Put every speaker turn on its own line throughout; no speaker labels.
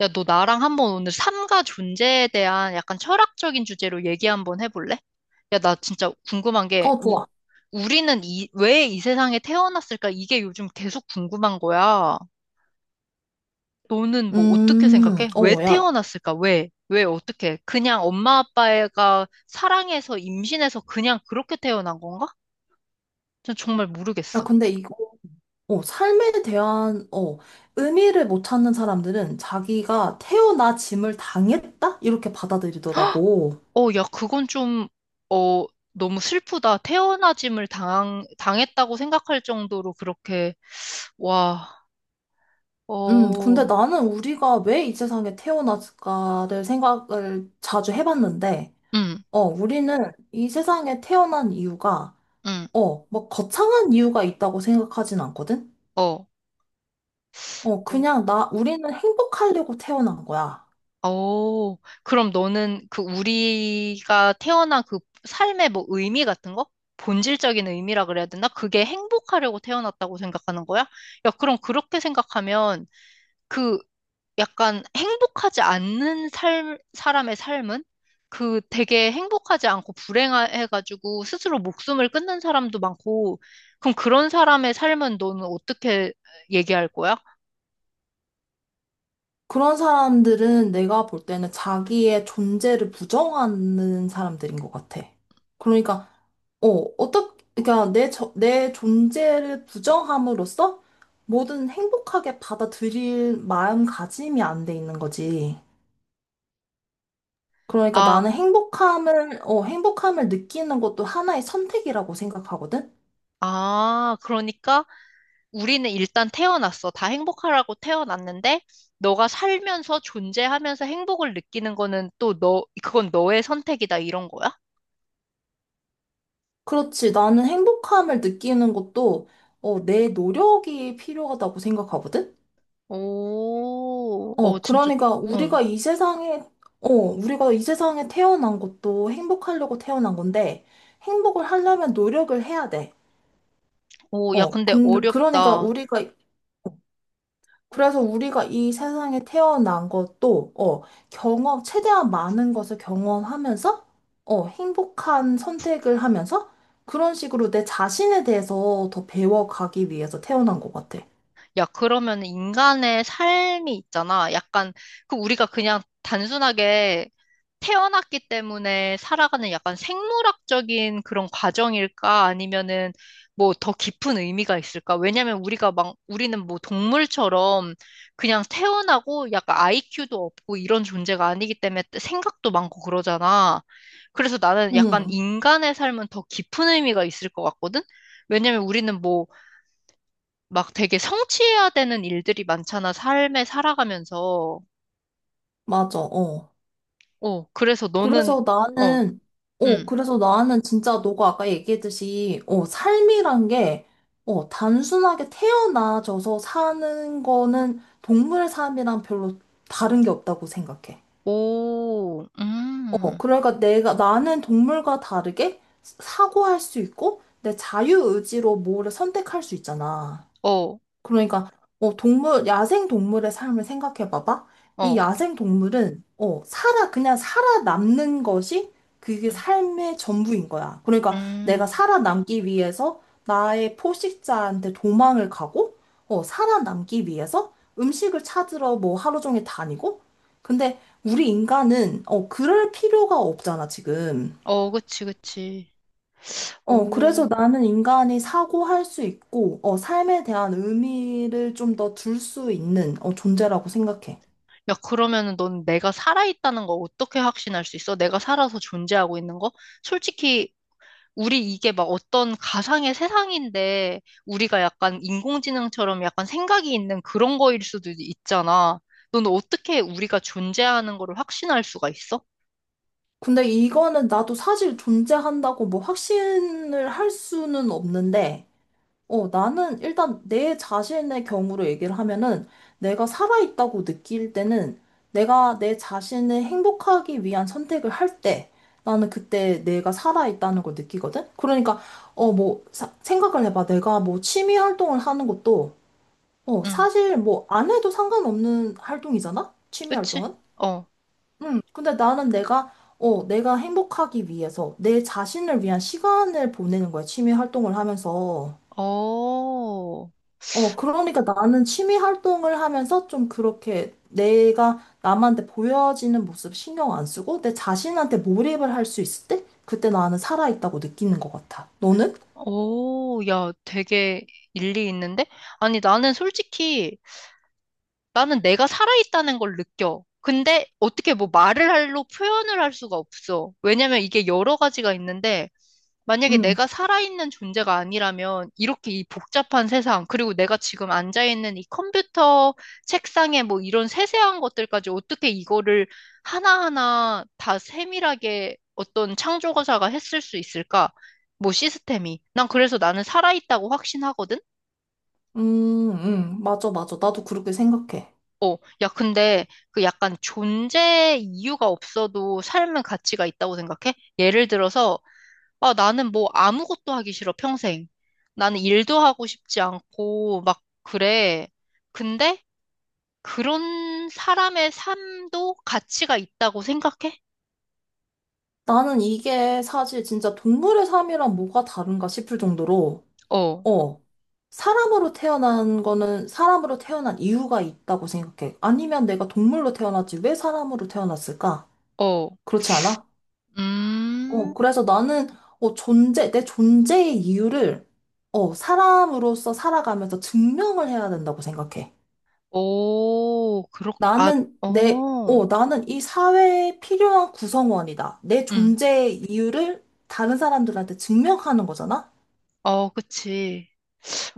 야, 너 나랑 한번 오늘 삶과 존재에 대한 약간 철학적인 주제로 얘기 한번 해볼래? 야, 나 진짜 궁금한 게,
좋아.
우리는 왜 이 세상에 태어났을까? 이게 요즘 계속 궁금한 거야. 너는 뭐 어떻게
음,
생각해? 왜
어, 야,
태어났을까? 왜? 왜 어떻게? 그냥 엄마 아빠가 사랑해서 임신해서 그냥 그렇게 태어난 건가? 전 정말
야,
모르겠어.
근데 이거, 어, 삶에 대한, 의미를 못 찾는 사람들은 자기가 태어나 짐을 당했다? 이렇게 받아들이더라고.
어, 야, 그건 좀, 어, 너무 슬프다. 태어나짐을 당했다고 생각할 정도로 그렇게, 와.
근데
어,
나는 우리가 왜 이 세상에 태어났을까를 생각을 자주 해봤는데,
응,
우리는 이 세상에 태어난 이유가,
응,
뭐 거창한 이유가 있다고 생각하진 않거든?
어. 어,
그냥 우리는 행복하려고 태어난 거야.
오, 그럼 너는 그 우리가 태어난 그 삶의 뭐 의미 같은 거? 본질적인 의미라 그래야 되나? 그게 행복하려고 태어났다고 생각하는 거야? 야, 그럼 그렇게 생각하면 그 약간 행복하지 않는 사람의 삶은 그 되게 행복하지 않고 불행해가지고 스스로 목숨을 끊는 사람도 많고, 그럼 그런 사람의 삶은 너는 어떻게 얘기할 거야?
그런 사람들은 내가 볼 때는 자기의 존재를 부정하는 사람들인 것 같아. 그러니까, 어, 어떻게, 그러니까 내 존재를 부정함으로써 뭐든 행복하게 받아들일 마음가짐이 안 돼 있는 거지. 그러니까
아,
나는 행복함을 느끼는 것도 하나의 선택이라고 생각하거든?
아, 그러니까 우리는 일단 태어났어. 다 행복하라고 태어났는데, 너가 살면서 존재하면서 행복을 느끼는 거는 또 그건 너의 선택이다, 이런 거야?
그렇지. 나는 행복함을 느끼는 것도, 내 노력이 필요하다고 생각하거든?
오, 어,
어,
진짜,
그러니까
응.
우리가 이 세상에, 우리가 이 세상에 태어난 것도 행복하려고 태어난 건데, 행복을 하려면 노력을 해야 돼.
오, 야, 근데
그러니까
어렵다.
그래서 우리가 이 세상에 태어난 것도, 경험, 최대한 많은 것을 경험하면서, 행복한 선택을 하면서, 그런 식으로 내 자신에 대해서 더 배워가기 위해서 태어난 것 같아.
야, 그러면 인간의 삶이 있잖아. 약간, 그 우리가 그냥 단순하게 태어났기 때문에 살아가는 약간 생물학적인 그런 과정일까? 아니면은 뭐 더 깊은 의미가 있을까? 왜냐면 우리는 뭐 동물처럼 그냥 태어나고 약간 IQ도 없고 이런 존재가 아니기 때문에 생각도 많고 그러잖아. 그래서 나는 약간
응,
인간의 삶은 더 깊은 의미가 있을 것 같거든? 왜냐면 우리는 뭐 막 되게 성취해야 되는 일들이 많잖아, 삶에 살아가면서.
맞아, 어.
어, 그래서 너는,
그래서
어,
나는,
음,
그래서 나는 진짜 너가 아까 얘기했듯이, 삶이란 게, 단순하게 태어나져서 사는 거는 동물 삶이랑 별로 다른 게 없다고 생각해.
오,
그러니까 나는 동물과 다르게 사고할 수 있고, 내 자유의지로 뭐를 선택할 수 있잖아.
어,
그러니까 동물 야생 동물의 삶을 생각해 봐봐. 이
어,
야생 동물은 살아 그냥 살아남는 것이 그게
음,
삶의 전부인 거야. 그러니까 내가
음.
살아남기 위해서 나의 포식자한테 도망을 가고 살아남기 위해서 음식을 찾으러 뭐 하루 종일 다니고 근데 우리 인간은 그럴 필요가 없잖아, 지금.
어, 그치, 그치. 오.
그래서 나는 인간이 사고할 수 있고, 삶에 대한 의미를 좀 더 둘 수 있는, 존재라고 생각해.
야, 그러면은 넌 내가 살아있다는 거 어떻게 확신할 수 있어? 내가 살아서 존재하고 있는 거? 솔직히 우리 이게 막 어떤 가상의 세상인데 우리가 약간 인공지능처럼 약간 생각이 있는 그런 거일 수도 있잖아. 너는 어떻게 우리가 존재하는 거를 확신할 수가 있어?
근데 이거는 나도 사실 존재한다고 뭐 확신을 할 수는 없는데, 나는 일단 내 자신의 경우로 얘기를 하면은 내가 살아있다고 느낄 때는 내가 내 자신을 행복하기 위한 선택을 할 때 나는 그때 내가 살아있다는 걸 느끼거든? 그러니까, 생각을 해봐. 내가 뭐 취미 활동을 하는 것도,
응,
사실 뭐 안 해도 상관없는 활동이잖아? 취미
그치?
활동은?
어,
응. 근데 내가 행복하기 위해서 내 자신을 위한 시간을 보내는 거야. 취미 활동을 하면서.
어,
그러니까 나는 취미 활동을 하면서 좀 그렇게 내가 남한테 보여지는 모습 신경 안 쓰고 내 자신한테 몰입을 할 수 있을 때 그때 나는 살아있다고 느끼는 것 같아. 너는?
오, 야, 되게 일리 있는데? 아니, 나는 솔직히 나는 내가 살아있다는 걸 느껴. 근데 어떻게 뭐 말을 할로 표현을 할 수가 없어. 왜냐면 이게 여러 가지가 있는데 만약에
응,
내가 살아있는 존재가 아니라면 이렇게 이 복잡한 세상, 그리고 내가 지금 앉아있는 이 컴퓨터 책상에 뭐 이런 세세한 것들까지 어떻게 이거를 하나하나 다 세밀하게 어떤 창조가사가 했을 수 있을까? 뭐 시스템이. 난 그래서 나는 살아있다고 확신하거든?
맞아, 맞아. 나도 그렇게 생각해.
어, 야, 근데 그 약간 존재 이유가 없어도 삶은 가치가 있다고 생각해? 예를 들어서 아, 나는 뭐 아무것도 하기 싫어, 평생. 나는 일도 하고 싶지 않고, 막, 그래. 근데 그런 사람의 삶도 가치가 있다고 생각해?
나는 이게 사실 진짜 동물의 삶이랑 뭐가 다른가 싶을 정도로,
어,
어, 사람으로 태어난 거는 사람으로 태어난 이유가 있다고 생각해. 아니면 내가 동물로 태어났지 왜 사람으로 태어났을까?
어,
그렇지 않아?
음,
어, 그래서 나는, 존재, 내 존재의 이유를, 사람으로서 살아가면서 증명을 해야 된다고 생각해.
오, 그렇, 아, 어,
나는 이 사회에 필요한 구성원이다. 내
음,
존재의 이유를 다른 사람들한테 증명하는 거잖아?
어, 그치.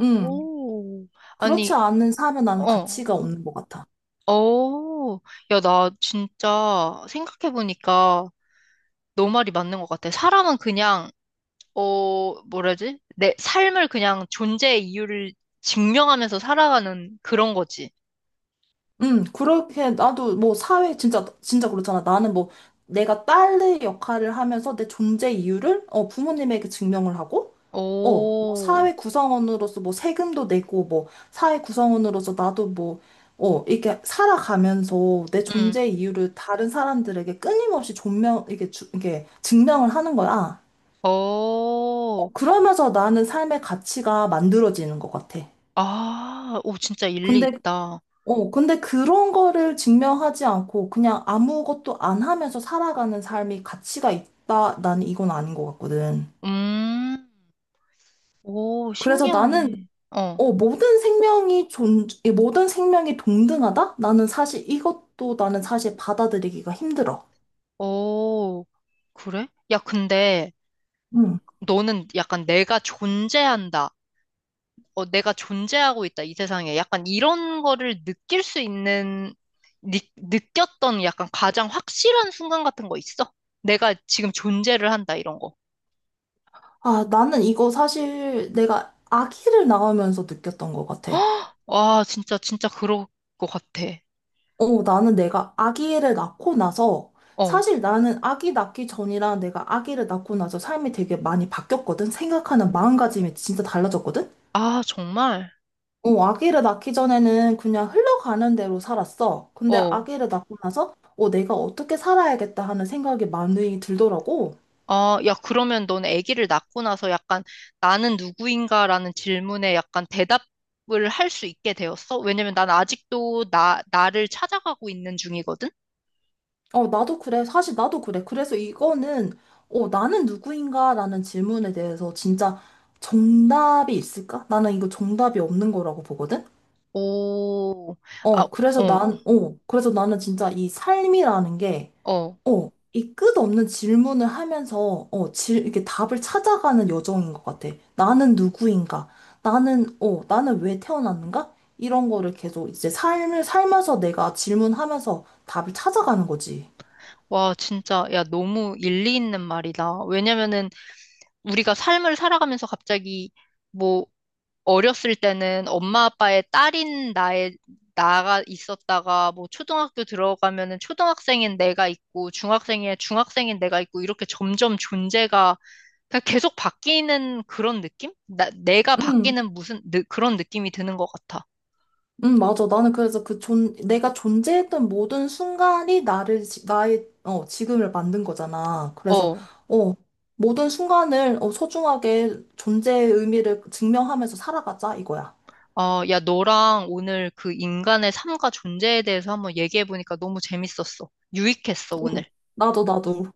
음,
오,
그렇지
아니,
않은 삶은 나는
어,
가치가 없는 것 같아.
어, 야, 나 진짜 생각해보니까 너 말이 맞는 것 같아. 사람은 그냥 어, 뭐라지? 내 삶을 그냥 존재의 이유를 증명하면서 살아가는 그런 거지.
그렇게, 나도 뭐 사회, 진짜, 진짜 그렇잖아. 내가 딸의 역할을 하면서 내 존재 이유를, 부모님에게 증명을 하고, 어, 뭐
오,
사회 구성원으로서 뭐 세금도 내고 뭐 사회 구성원으로서 이렇게 살아가면서 내
응,
존재 이유를 다른 사람들에게 끊임없이 존명, 이게 주, 이게 증명을 하는 거야.
오
그러면서 나는 삶의 가치가 만들어지는 것 같아.
아, 오, 진짜 일리
근데,
있다.
근데 그런 거를 증명하지 않고 그냥 아무것도 안 하면서 살아가는 삶이 가치가 있다. 나는 이건 아닌 것 같거든.
음, 오,
그래서 나는
신기하네. 어,
모든 생명이 존, 이 모든 생명이 동등하다? 나는 사실 이것도 나는 사실 받아들이기가 힘들어.
오, 그래? 야, 근데
응.
너는 약간 내가 존재한다. 어, 내가 존재하고 있다, 이 세상에. 약간 이런 거를 느낄 수 있는, 느꼈던 약간 가장 확실한 순간 같은 거 있어? 내가 지금 존재를 한다, 이런 거.
아, 나는 이거 사실 내가 아기를 낳으면서 느꼈던 것 같아.
와, 진짜, 진짜 그럴 것 같아.
나는 내가 아기를 낳고 나서
어.
사실 나는 아기 낳기 전이랑 내가 아기를 낳고 나서 삶이 되게 많이 바뀌었거든? 생각하는 마음가짐이 진짜 달라졌거든?
아, 정말?
아기를 낳기 전에는 그냥 흘러가는 대로 살았어. 근데
어.
아기를 낳고 나서, 내가 어떻게 살아야겠다 하는 생각이 많이 들더라고.
아, 야, 그러면 넌 아기를 낳고 나서 약간 나는 누구인가라는 질문에 약간 대답을 할 수 있게 되었어? 왜냐면 난 아직도 나를 찾아가고 있는 중이거든?
나도 그래. 사실 나도 그래. 나는 누구인가라는 질문에 대해서 진짜 정답이 있을까? 나는 이거 정답이 없는 거라고 보거든?
오, 아, 어,
그래서 나는 진짜 이 삶이라는 게,
어.
이 끝없는 질문을 하면서, 이렇게 답을 찾아가는 여정인 것 같아. 나는 누구인가? 나는 왜 태어났는가? 이런 거를 계속 이제 삶을 살면서 내가 질문하면서 답을 찾아가는 거지.
와, 진짜, 야, 너무 일리 있는 말이다. 왜냐면은 우리가 삶을 살아가면서 갑자기 뭐 어렸을 때는 엄마 아빠의 딸인 나의 나가 있었다가 뭐 초등학교 들어가면은 초등학생인 내가 있고 중학생의 중학생인 내가 있고 이렇게 점점 존재가 그냥 계속 바뀌는 그런 느낌? 내가
응,
바뀌는 무슨 그런 느낌이 드는 것 같아.
응, 맞아. 나는 그래서 그 존, 내가 존재했던 모든 순간이 나를, 지- 나의, 어, 지금을 만든 거잖아. 그래서,
어.
어, 모든 순간을, 소중하게 존재의 의미를 증명하면서 살아가자, 이거야.
어, 야, 너랑 오늘 그 인간의 삶과 존재에 대해서 한번 얘기해보니까 너무 재밌었어. 유익했어,
응,
오늘.
나도, 나도.